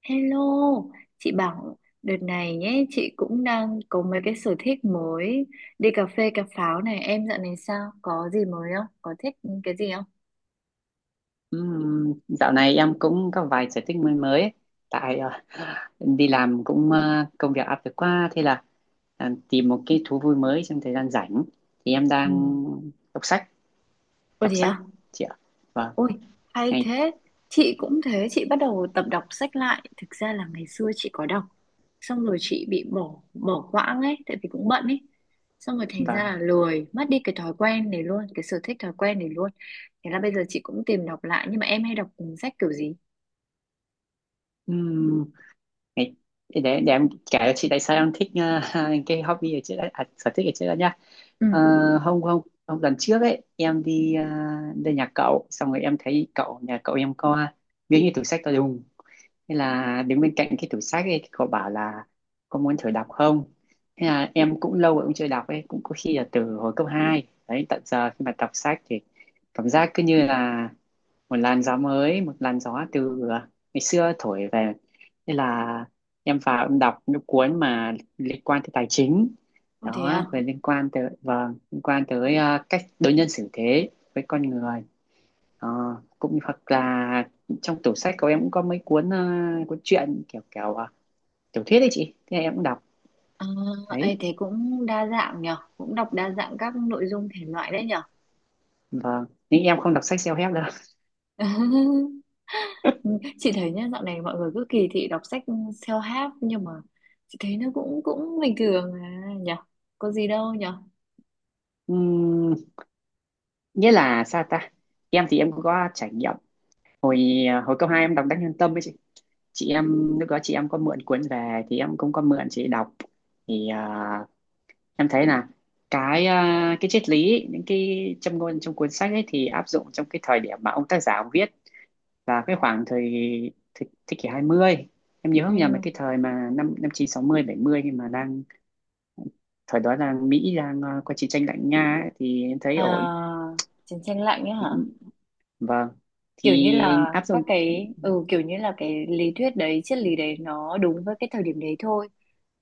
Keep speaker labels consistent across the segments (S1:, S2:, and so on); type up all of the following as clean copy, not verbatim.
S1: Hello, chị bảo đợt này nhé, chị cũng đang có mấy cái sở thích mới, đi cà phê cà pháo này, em dạo này sao? Có gì mới không? Có thích cái gì không?
S2: Dạo này em cũng có vài sở thích mới mới ấy. Tại em đi làm cũng công việc áp lực quá, thế là tìm một cái thú vui mới trong thời gian rảnh thì em
S1: Ừ.
S2: đang đọc sách,
S1: Ôi
S2: đọc
S1: thế
S2: sách
S1: à?
S2: chị ạ. Vâng.
S1: Ôi, hay
S2: Ngày.
S1: thế. Chị cũng thế, chị bắt đầu tập đọc sách lại. Thực ra là ngày xưa chị có đọc, xong rồi chị bị bỏ bỏ quãng ấy, tại vì cũng bận ấy. Xong rồi thành ra
S2: Vâng.
S1: là lười, mất đi cái thói quen này luôn, cái sở thích thói quen này luôn. Thế là bây giờ chị cũng tìm đọc lại, nhưng mà em hay đọc sách kiểu gì?
S2: Ừm, Ngày. Để em kể cho chị tại sao em thích cái hobby ở trước đấy, à, sở thích ở trước đó nhá.
S1: Ừ.
S2: Ờ, hôm hôm hôm lần trước ấy em đi lên nhà cậu, xong rồi em thấy cậu, nhà cậu em có miếng như tủ sách to đùng. Thế là đứng bên cạnh cái tủ sách ấy, cậu bảo là có muốn thử đọc không? Thế là em cũng lâu rồi cũng chưa đọc ấy, cũng có khi là từ hồi cấp hai. Đấy, tận giờ khi mà đọc sách thì cảm giác cứ như là một làn gió mới, một làn gió từ ngày xưa thổi về. Thế là em vào em đọc những cuốn mà liên quan tới tài chính.
S1: Ôi thế
S2: Đó,
S1: à?
S2: rồi liên quan tới, vâng, liên quan tới cách đối nhân xử thế với con người. Ờ, cũng hoặc là trong tủ sách của em cũng có mấy cuốn cuốn truyện kiểu kiểu tiểu thuyết đấy chị, thế em cũng đọc
S1: À,
S2: đấy.
S1: ấy thế cũng đa dạng nhở, cũng đọc đa dạng các nội dung thể loại đấy nhở.
S2: Vâng, nhưng em không đọc sách self-help đâu.
S1: Chị thấy nhá, dạo này mọi người cứ kỳ thị đọc sách self-help nhưng mà chị thấy nó cũng cũng bình thường à nhở, có gì đâu nhở.
S2: Ừm, Nghĩa là sao ta, em thì em cũng có trải nghiệm. Hồi cấp hai em đọc Đắc Nhân Tâm với chị em lúc đó chị em có mượn cuốn về thì em cũng có mượn chị đọc. Thì em thấy là cái ờ, cái triết lý, những cái châm ngôn trong cuốn sách ấy thì áp dụng trong cái thời điểm mà ông tác giả viết và cái khoảng thời, thế kỷ 20, em nhớ không nhầm là
S1: Ừ.
S2: cái thời mà năm năm chín sáu mươi bảy mươi, khi mà đang thời đó là Mỹ đang có chiến tranh lạnh Nga ấy, thì em thấy ổn.
S1: À, chiến tranh lạnh ấy
S2: Thì,
S1: hả?
S2: vâng.
S1: Kiểu như
S2: Thì
S1: là
S2: áp
S1: các
S2: dụng.
S1: cái kiểu như là cái lý thuyết đấy, triết lý đấy nó đúng với cái thời điểm đấy thôi,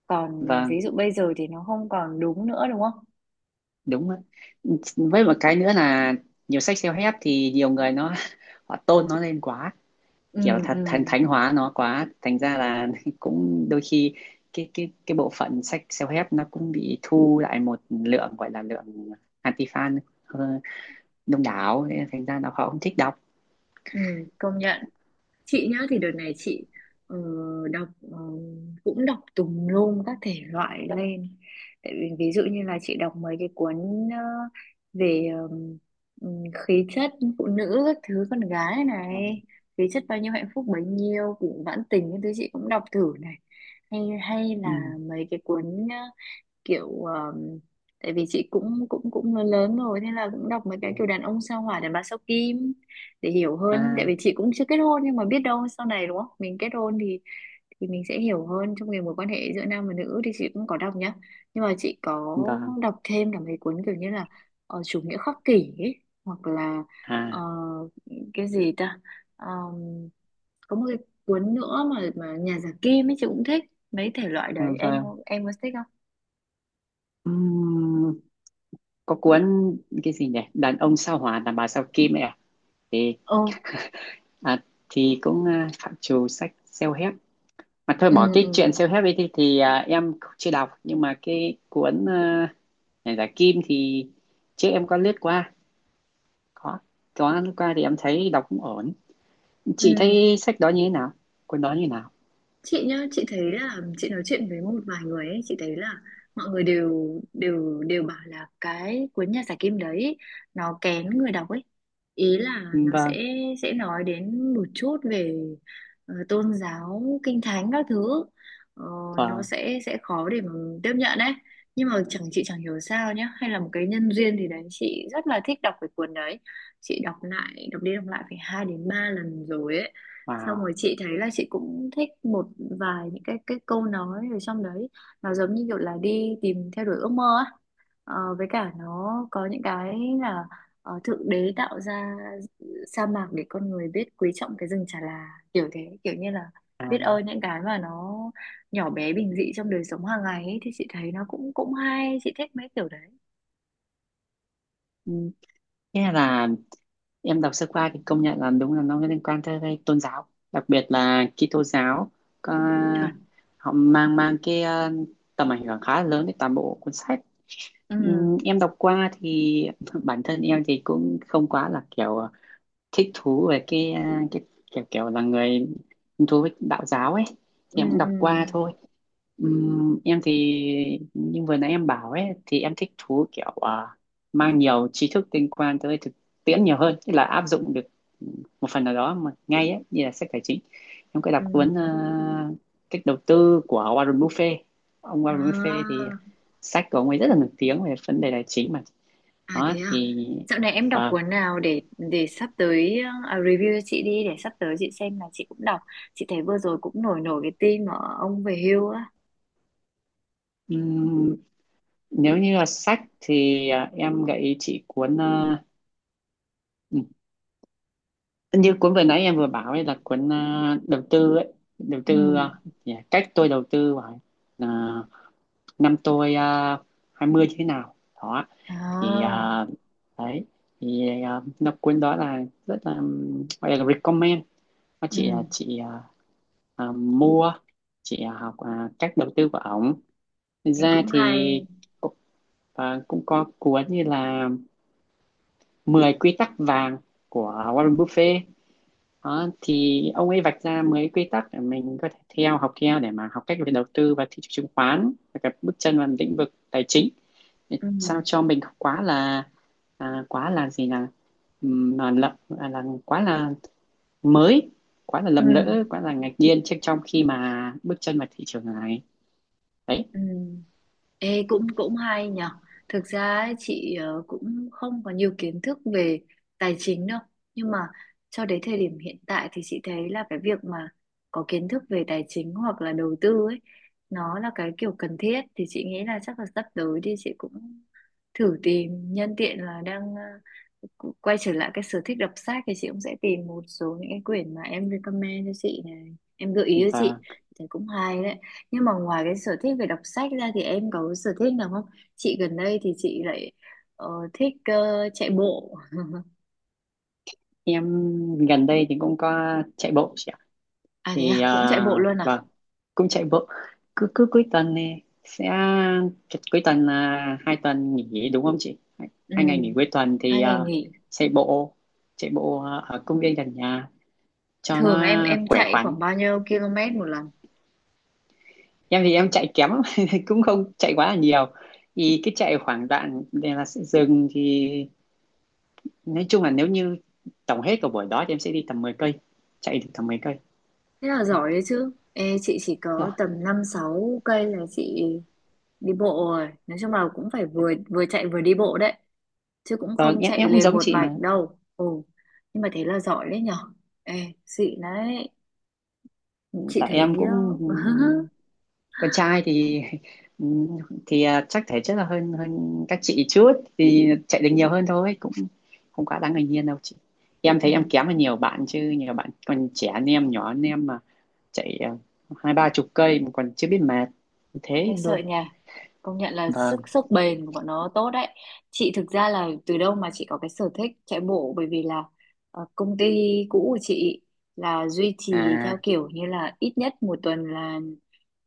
S1: còn ví
S2: Vâng,
S1: dụ bây giờ thì nó không còn đúng nữa đúng không?
S2: đúng ạ. Với một cái nữa là nhiều sách self-help thì nhiều người nó họ tôn nó lên quá,
S1: Ừ,
S2: kiểu
S1: ừ,
S2: thật thành thánh hóa nó quá, thành ra là cũng đôi khi cái bộ phận sách self-help nó cũng bị thu lại một lượng, gọi là lượng anti-fan đông đảo, thế là thành ra là họ cũng thích đọc.
S1: ừ. Công nhận. Chị nhá, thì đợt này chị ờ, đọc cũng đọc tùm lum các thể loại lên, tại vì ví dụ như là chị đọc mấy cái cuốn ờ, về khí chất phụ nữ các thứ, con gái
S2: Ờ,
S1: này, khí chất bao nhiêu hạnh phúc bấy nhiêu, cũng vãn tình những thứ chị cũng đọc thử này, hay hay
S2: ừ.
S1: là mấy cái cuốn ờ, kiểu tại vì chị cũng cũng cũng lớn lớn rồi, thế là cũng đọc mấy cái kiểu đàn ông sao hỏa đàn bà sao kim để hiểu hơn, tại
S2: À,
S1: vì chị cũng chưa kết hôn nhưng mà biết đâu sau này đúng không, mình kết hôn thì mình sẽ hiểu hơn trong cái mối quan hệ giữa nam và nữ, thì chị cũng có đọc nhá. Nhưng mà chị có
S2: vâng.
S1: đọc thêm cả mấy cuốn kiểu như là chủ nghĩa khắc kỷ ấy, hoặc là ờ,
S2: À,
S1: cái gì ta, Ờm, có một cái cuốn nữa mà nhà giả kim ấy, chị cũng thích mấy thể loại
S2: à,
S1: đấy. em
S2: vâng.
S1: có- em có thích không?
S2: Ừm, có cuốn cái gì nhỉ, đàn ông sao hỏa đàn bà sao kim ấy à, thì
S1: Ồ,
S2: à, thì cũng à, phạm trù sách self-help mà thôi.
S1: ừ,
S2: Bỏ
S1: ừ,
S2: cái chuyện self-help ấy thì à, em chưa đọc, nhưng mà cái cuốn à, này là Kim thì trước em có lướt qua, có có lướt qua thì em thấy đọc cũng ổn.
S1: ừ.
S2: Chị thấy sách đó như thế nào, cuốn đó như thế nào?
S1: Chị nhá, chị thấy là chị nói chuyện với một vài người ấy, chị thấy là mọi người đều đều đều bảo là cái cuốn nhà giải kim đấy nó kén người đọc ấy, ý là
S2: Ừ,
S1: nó sẽ
S2: vâng.
S1: sẽ nói đến một chút về tôn giáo kinh thánh các thứ. Ờ, nó
S2: Vâng.
S1: sẽ khó để mà tiếp nhận ấy. Nhưng mà chẳng chị chẳng hiểu sao nhá, hay là một cái nhân duyên thì đấy chị rất là thích đọc cái cuốn đấy. Chị đọc lại, đọc đi đọc lại phải 2 đến 3 lần rồi ấy. Xong
S2: Wow.
S1: rồi chị thấy là chị cũng thích một vài những cái câu nói ở trong đấy, nó giống như kiểu là đi tìm theo đuổi ước mơ á. Ờ, với cả nó có những cái là thượng đế tạo ra sa mạc để con người biết quý trọng cái rừng chà là, kiểu thế, kiểu như là biết
S2: À.
S1: ơn những cái mà nó nhỏ bé bình dị trong đời sống hàng ngày ấy, thì chị thấy nó cũng cũng hay, chị thích mấy kiểu đấy.
S2: Ừ, nghĩa là em đọc sơ qua thì công nhận là đúng là nó liên quan tới cái tôn giáo, đặc biệt là Kitô giáo. Có,
S1: Chuẩn.
S2: họ mang mang cái tầm ảnh hưởng khá là lớn đến toàn bộ cuốn sách.
S1: Ừ,
S2: Em đọc qua thì bản thân em thì cũng không quá là kiểu thích thú về cái kiểu kiểu là người hứng thú với đạo giáo ấy.
S1: ừ,
S2: Thì em cũng đọc
S1: ừ,
S2: qua thôi. Em thì như vừa nãy em bảo ấy thì em thích thú kiểu à, mang nhiều tri thức liên quan tới thực tiễn nhiều hơn, tức là áp dụng được một phần nào đó mà ngay ấy, như là sách tài chính. Em có đọc
S1: ừ.
S2: cuốn à, cách đầu tư của Warren Buffett. Ông Warren Buffett thì
S1: À.
S2: sách của ông ấy rất là nổi tiếng về vấn đề tài chính mà.
S1: À thế
S2: Đó
S1: à?
S2: thì
S1: Dạo này em đọc
S2: vâng.
S1: cuốn nào để sắp tới review cho chị đi, để sắp tới chị xem là chị cũng đọc. Chị thấy vừa rồi cũng nổi nổi cái tin mà ông về hưu á.
S2: Ừm, Nếu như là sách thì à, em gợi ý chị cuốn à, như cuốn vừa nãy em vừa bảo ấy là cuốn à, đầu tư ấy, đầu
S1: Ừ.
S2: tư à, nhỉ, cách tôi đầu tư vào à, năm tôi uh, 20 như thế nào đó, thì
S1: À.
S2: à, đấy. Thì à, nó cuốn đó là rất là gọi là recommend. Nó
S1: Ừ.
S2: chị à, à, mua, chị à, học à, cách đầu tư của ổng. Thật
S1: Thì
S2: ra
S1: cũng
S2: thì
S1: hay.
S2: cũng- và cũng có cuốn như là 10 quy tắc vàng của Warren Buffett. Đó, thì ông ấy vạch ra mấy quy tắc để mình có thể theo, học theo để mà học cách về đầu tư và thị trường chứng khoán và các bước chân vào lĩnh vực tài chính, để
S1: Ừ.
S2: sao cho mình không quá là à, quá là gì là, à, là quá là mới, quá là lầm
S1: Ừ.
S2: lỡ, quá là ngạc nhiên trước trong khi mà bước chân vào thị trường này. Đấy.
S1: Ừ. Ê, cũng cũng hay nhở. Thực ra ấy, chị cũng không có nhiều kiến thức về tài chính đâu. Nhưng mà cho đến thời điểm hiện tại thì chị thấy là cái việc mà có kiến thức về tài chính hoặc là đầu tư ấy, nó là cái kiểu cần thiết, thì chị nghĩ là chắc là sắp tới thì chị cũng thử tìm, nhân tiện là đang quay trở lại cái sở thích đọc sách thì chị cũng sẽ tìm một số những cái quyển mà em recommend cho chị này, em gợi ý cho chị
S2: Và
S1: thì cũng hay đấy. Nhưng mà ngoài cái sở thích về đọc sách ra thì em có cái sở thích nào không? Chị gần đây thì chị lại thích chạy bộ.
S2: em gần đây thì cũng có chạy bộ.
S1: À thế
S2: Thì
S1: à, cũng chạy
S2: à,
S1: bộ luôn à?
S2: vâng, cũng chạy bộ. Cứ cứ cuối tuần này sẽ, cuối tuần là 2 tuần nghỉ đúng không chị, hai,
S1: Ừ,
S2: hai ngày nghỉ cuối tuần thì
S1: hai ngày
S2: à,
S1: nghỉ.
S2: chạy bộ, chạy bộ à, ở công viên gần nhà cho
S1: Thường
S2: nó
S1: em
S2: khỏe
S1: chạy
S2: khoắn.
S1: khoảng bao nhiêu km một lần?
S2: Em thì em chạy kém lắm, cũng không chạy quá là nhiều, thì cứ chạy khoảng đoạn để là sẽ dừng thì nói chung là nếu như tổng hết cả buổi đó thì em sẽ đi tầm 10 cây, chạy được tầm 10 cây.
S1: Thế là giỏi đấy chứ. Ê, chị chỉ
S2: Đấy.
S1: có tầm năm sáu cây là chị đi bộ rồi. Nói chung là cũng phải vừa vừa chạy vừa đi bộ đấy. Chứ cũng
S2: Vâng,
S1: không
S2: em
S1: chạy
S2: em cũng
S1: liền
S2: giống
S1: một
S2: chị
S1: mạch
S2: mà.
S1: đâu. Ồ, nhưng mà thế là giỏi đấy nhở. Ê, xịn đấy. Chị
S2: Tại
S1: thấy...
S2: em cũng con trai thì ừ, thì à, chắc thể chất là hơn hơn các chị chút thì chạy được nhiều hơn thôi, cũng không quá đáng ngạc nhiên đâu chị. Em
S1: Ừ.
S2: thấy em kém hơn nhiều bạn chứ, nhiều bạn còn trẻ hơn em, nhỏ hơn em mà chạy à, 20 30 cây mà còn chưa biết mệt thế
S1: Nghe sợ
S2: luôn.
S1: nha. Công nhận là
S2: Vâng.
S1: sức sức bền của bọn nó tốt đấy. Chị thực ra là từ đâu mà chị có cái sở thích chạy bộ, bởi vì là công ty cũ của chị là duy trì theo
S2: À,
S1: kiểu như là ít nhất một tuần là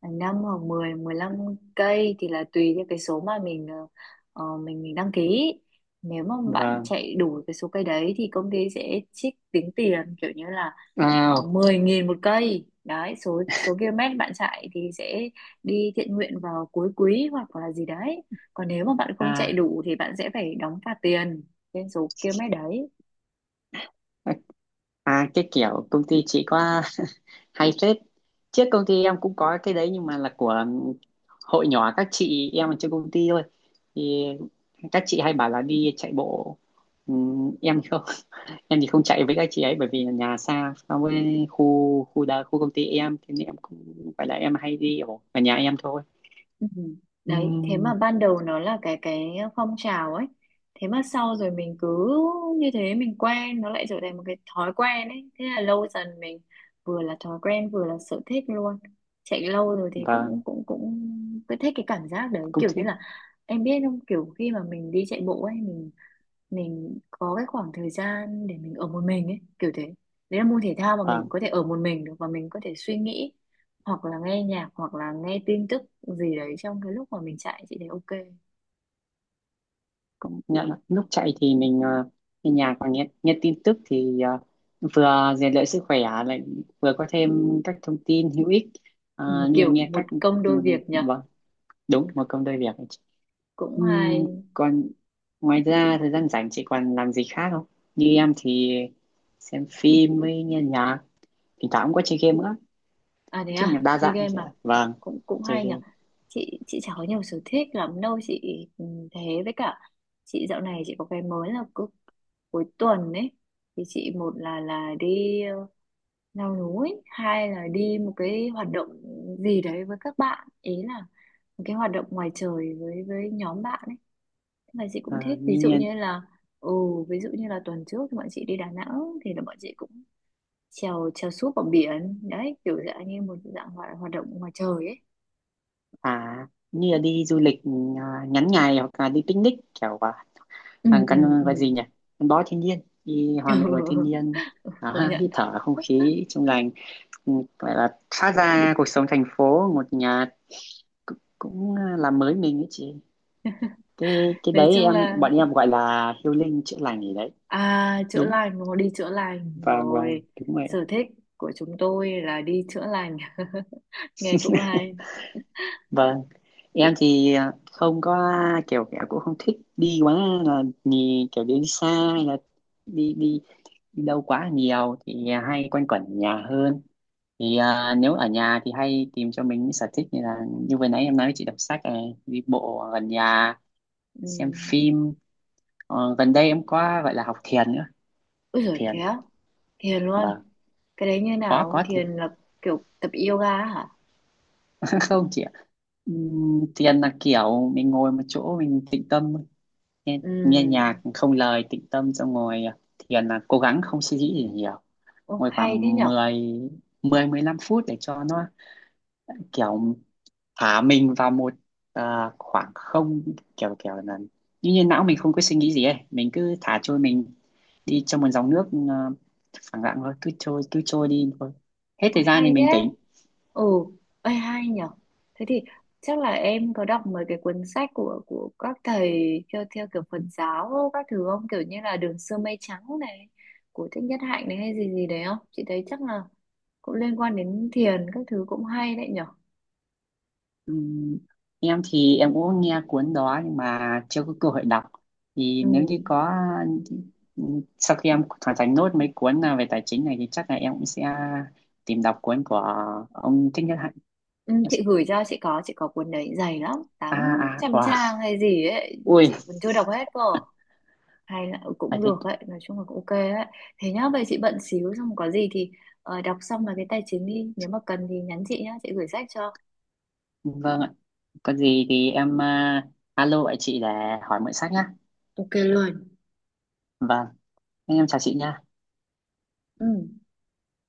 S1: 5 hoặc mười mười lăm cây, thì là tùy theo cái số mà mình mình đăng ký. Nếu mà bạn
S2: vâng.
S1: chạy đủ cái số cây đấy thì công ty sẽ trích tính tiền kiểu như là
S2: Wow.
S1: 10.000 một cây. Đấy, số số km bạn chạy thì sẽ đi thiện nguyện vào cuối quý hoặc là gì đấy, còn nếu mà bạn không chạy
S2: À,
S1: đủ thì bạn sẽ phải đóng phạt tiền trên số km đấy.
S2: à, cái kiểu công ty chị có hay phết. Trước công ty em cũng có cái đấy nhưng mà là của hội nhỏ các chị em ở trên công ty thôi. Thì các chị hay bảo là đi chạy bộ. Em thì không. Em thì không chạy với các chị ấy bởi vì là nhà xa so với khu khu đa khu công ty em, thế nên em cũng phải là em hay đi ở ở nhà em thôi.
S1: Ừ. Đấy, thế mà
S2: Ừm,
S1: ban đầu nó là cái phong trào ấy. Thế mà sau rồi mình cứ như thế mình quen, nó lại trở thành một cái thói quen ấy. Thế là lâu dần mình vừa là thói quen vừa là sở thích luôn. Chạy lâu rồi thì
S2: vâng,
S1: cũng cũng cũng cứ thích cái cảm giác đấy,
S2: cũng
S1: kiểu như
S2: thích,
S1: là em biết không, kiểu khi mà mình đi chạy bộ ấy, mình có cái khoảng thời gian để mình ở một mình ấy, kiểu thế. Đấy là môn thể thao mà mình có thể ở một mình được và mình có thể suy nghĩ hoặc là nghe nhạc hoặc là nghe tin tức gì đấy trong cái lúc mà mình chạy, chị thấy ok.
S2: công nhận là lúc chạy thì mình nghe nhạc và nghe nghe tin tức thì vừa rèn luyện sức khỏe lại vừa có thêm các thông tin hữu ích,
S1: Ừ,
S2: như là
S1: kiểu
S2: nghe
S1: một
S2: các.
S1: công đôi việc nhở,
S2: Vâng, đúng một công đôi việc.
S1: cũng hay.
S2: Ừm, Còn ngoài ra thời gian rảnh chị còn làm gì khác không? Như em thì xem phim với nghe nhạc, thỉnh thoảng cũng có chơi game nữa, nói
S1: À thế
S2: chung là
S1: à,
S2: đa
S1: chơi
S2: dạng
S1: game
S2: chị ạ.
S1: mà,
S2: Vâng,
S1: cũng cũng
S2: chơi
S1: hay nhở.
S2: game.
S1: Chị chả có nhiều sở thích lắm đâu chị. Ừ, thế với cả chị dạo này chị có cái mới là cứ cuối tuần ấy, thì chị một là đi leo núi, hai là đi một cái hoạt động gì đấy với các bạn, ý là một cái hoạt động ngoài trời với nhóm bạn ấy. Thế là chị
S2: Ờ,
S1: cũng thích ví
S2: như
S1: dụ
S2: như
S1: như là ừ, ví dụ như là tuần trước thì bọn chị đi Đà Nẵng, thì là bọn chị cũng trèo trèo súp ở biển đấy, kiểu dạng như một dạng hoạt động ngoài trời ấy.
S2: à như là đi du lịch à, ngắn ngày hoặc là đi picnic kiểu
S1: Ừ,
S2: thằng
S1: ừ,
S2: căn
S1: ừ.
S2: gọi gì nhỉ, gắn bó thiên nhiên, đi
S1: Ừ,
S2: hòa mình với thiên nhiên.
S1: công
S2: Đó,
S1: nhận.
S2: hít thở không khí trong lành. Ừ, gọi là thoát ra cuộc sống thành phố một nhà, cũng làm mới mình ấy chị. Cái cái
S1: Nói
S2: đấy
S1: chung
S2: em,
S1: là,
S2: bọn em gọi là healing, chữa lành gì đấy.
S1: à, chữa
S2: Đúng,
S1: lành mà, đi chữa lành
S2: vâng, vâng,
S1: rồi,
S2: đúng vậy.
S1: sở thích của chúng tôi là đi chữa lành. Nghe cũng hay.
S2: Vâng, em thì à, không có kiểu kiểu cũng không thích đi quá là nhì kiểu đến xa, hay là đi đi đi đâu quá nhiều thì hay quanh quẩn ở nhà hơn. Thì à, nếu ở nhà thì hay tìm cho mình những sở thích như là, như vừa nãy em nói chị, đọc sách này, đi bộ gần nhà,
S1: Ừ.
S2: xem phim. Ờ, gần đây em có gọi là học thiền nữa,
S1: Úi
S2: học
S1: giời thế
S2: thiền.
S1: á, thiền luôn?
S2: Vâng.
S1: Cái đấy như
S2: có
S1: nào,
S2: có thì
S1: thiền là kiểu tập yoga á hả?
S2: không chị ạ. Thiền là kiểu mình ngồi một chỗ mình tĩnh tâm, nghe
S1: Ừ.
S2: nhạc không lời tĩnh tâm, xong ngồi à, thiền là cố gắng không suy nghĩ gì nhiều,
S1: Ô
S2: ngồi
S1: hay thế
S2: khoảng
S1: nhở.
S2: mười mười mười 15 phút để cho nó kiểu thả mình vào một à, khoảng không, kiểu kiểu là như như não mình không có suy nghĩ gì ấy, mình cứ thả trôi mình đi trong một dòng nước phẳng lặng thôi, cứ trôi đi thôi, hết
S1: Ôi
S2: thời gian thì
S1: hay thế.
S2: mình tỉnh.
S1: Ừ. Ơi hay nhở. Thế thì chắc là em có đọc mấy cái cuốn sách của các thầy theo theo kiểu Phật giáo các thứ không, kiểu như là Đường Xưa Mây Trắng này của Thích Nhất Hạnh này hay gì gì đấy không, chị thấy chắc là cũng liên quan đến thiền các thứ, cũng hay đấy nhở.
S2: Ừm, em thì em cũng nghe cuốn đó nhưng mà chưa có cơ hội đọc, thì
S1: Ừ.
S2: nếu như có sau khi em hoàn thành nốt mấy cuốn à, về tài chính này thì chắc là em cũng sẽ tìm đọc cuốn của ông Thích Nhất Hạnh.
S1: Ừ, chị gửi cho chị có cuốn đấy dày lắm, tám
S2: À, à,
S1: trăm
S2: wow.
S1: trang hay gì ấy,
S2: Ui.
S1: chị còn chưa đọc hết cơ, hay là cũng được ấy, nói chung là cũng ok ấy. Thế nhá, vậy chị bận xíu, xong có gì thì đọc xong là cái tài chính đi, nếu mà cần thì nhắn chị nhá, chị gửi sách cho.
S2: Vâng ạ. Có gì thì em à, alo lại chị để hỏi mượn sách nhá.
S1: Ok luôn.
S2: Vâng, em chào chị nha.
S1: Ừ.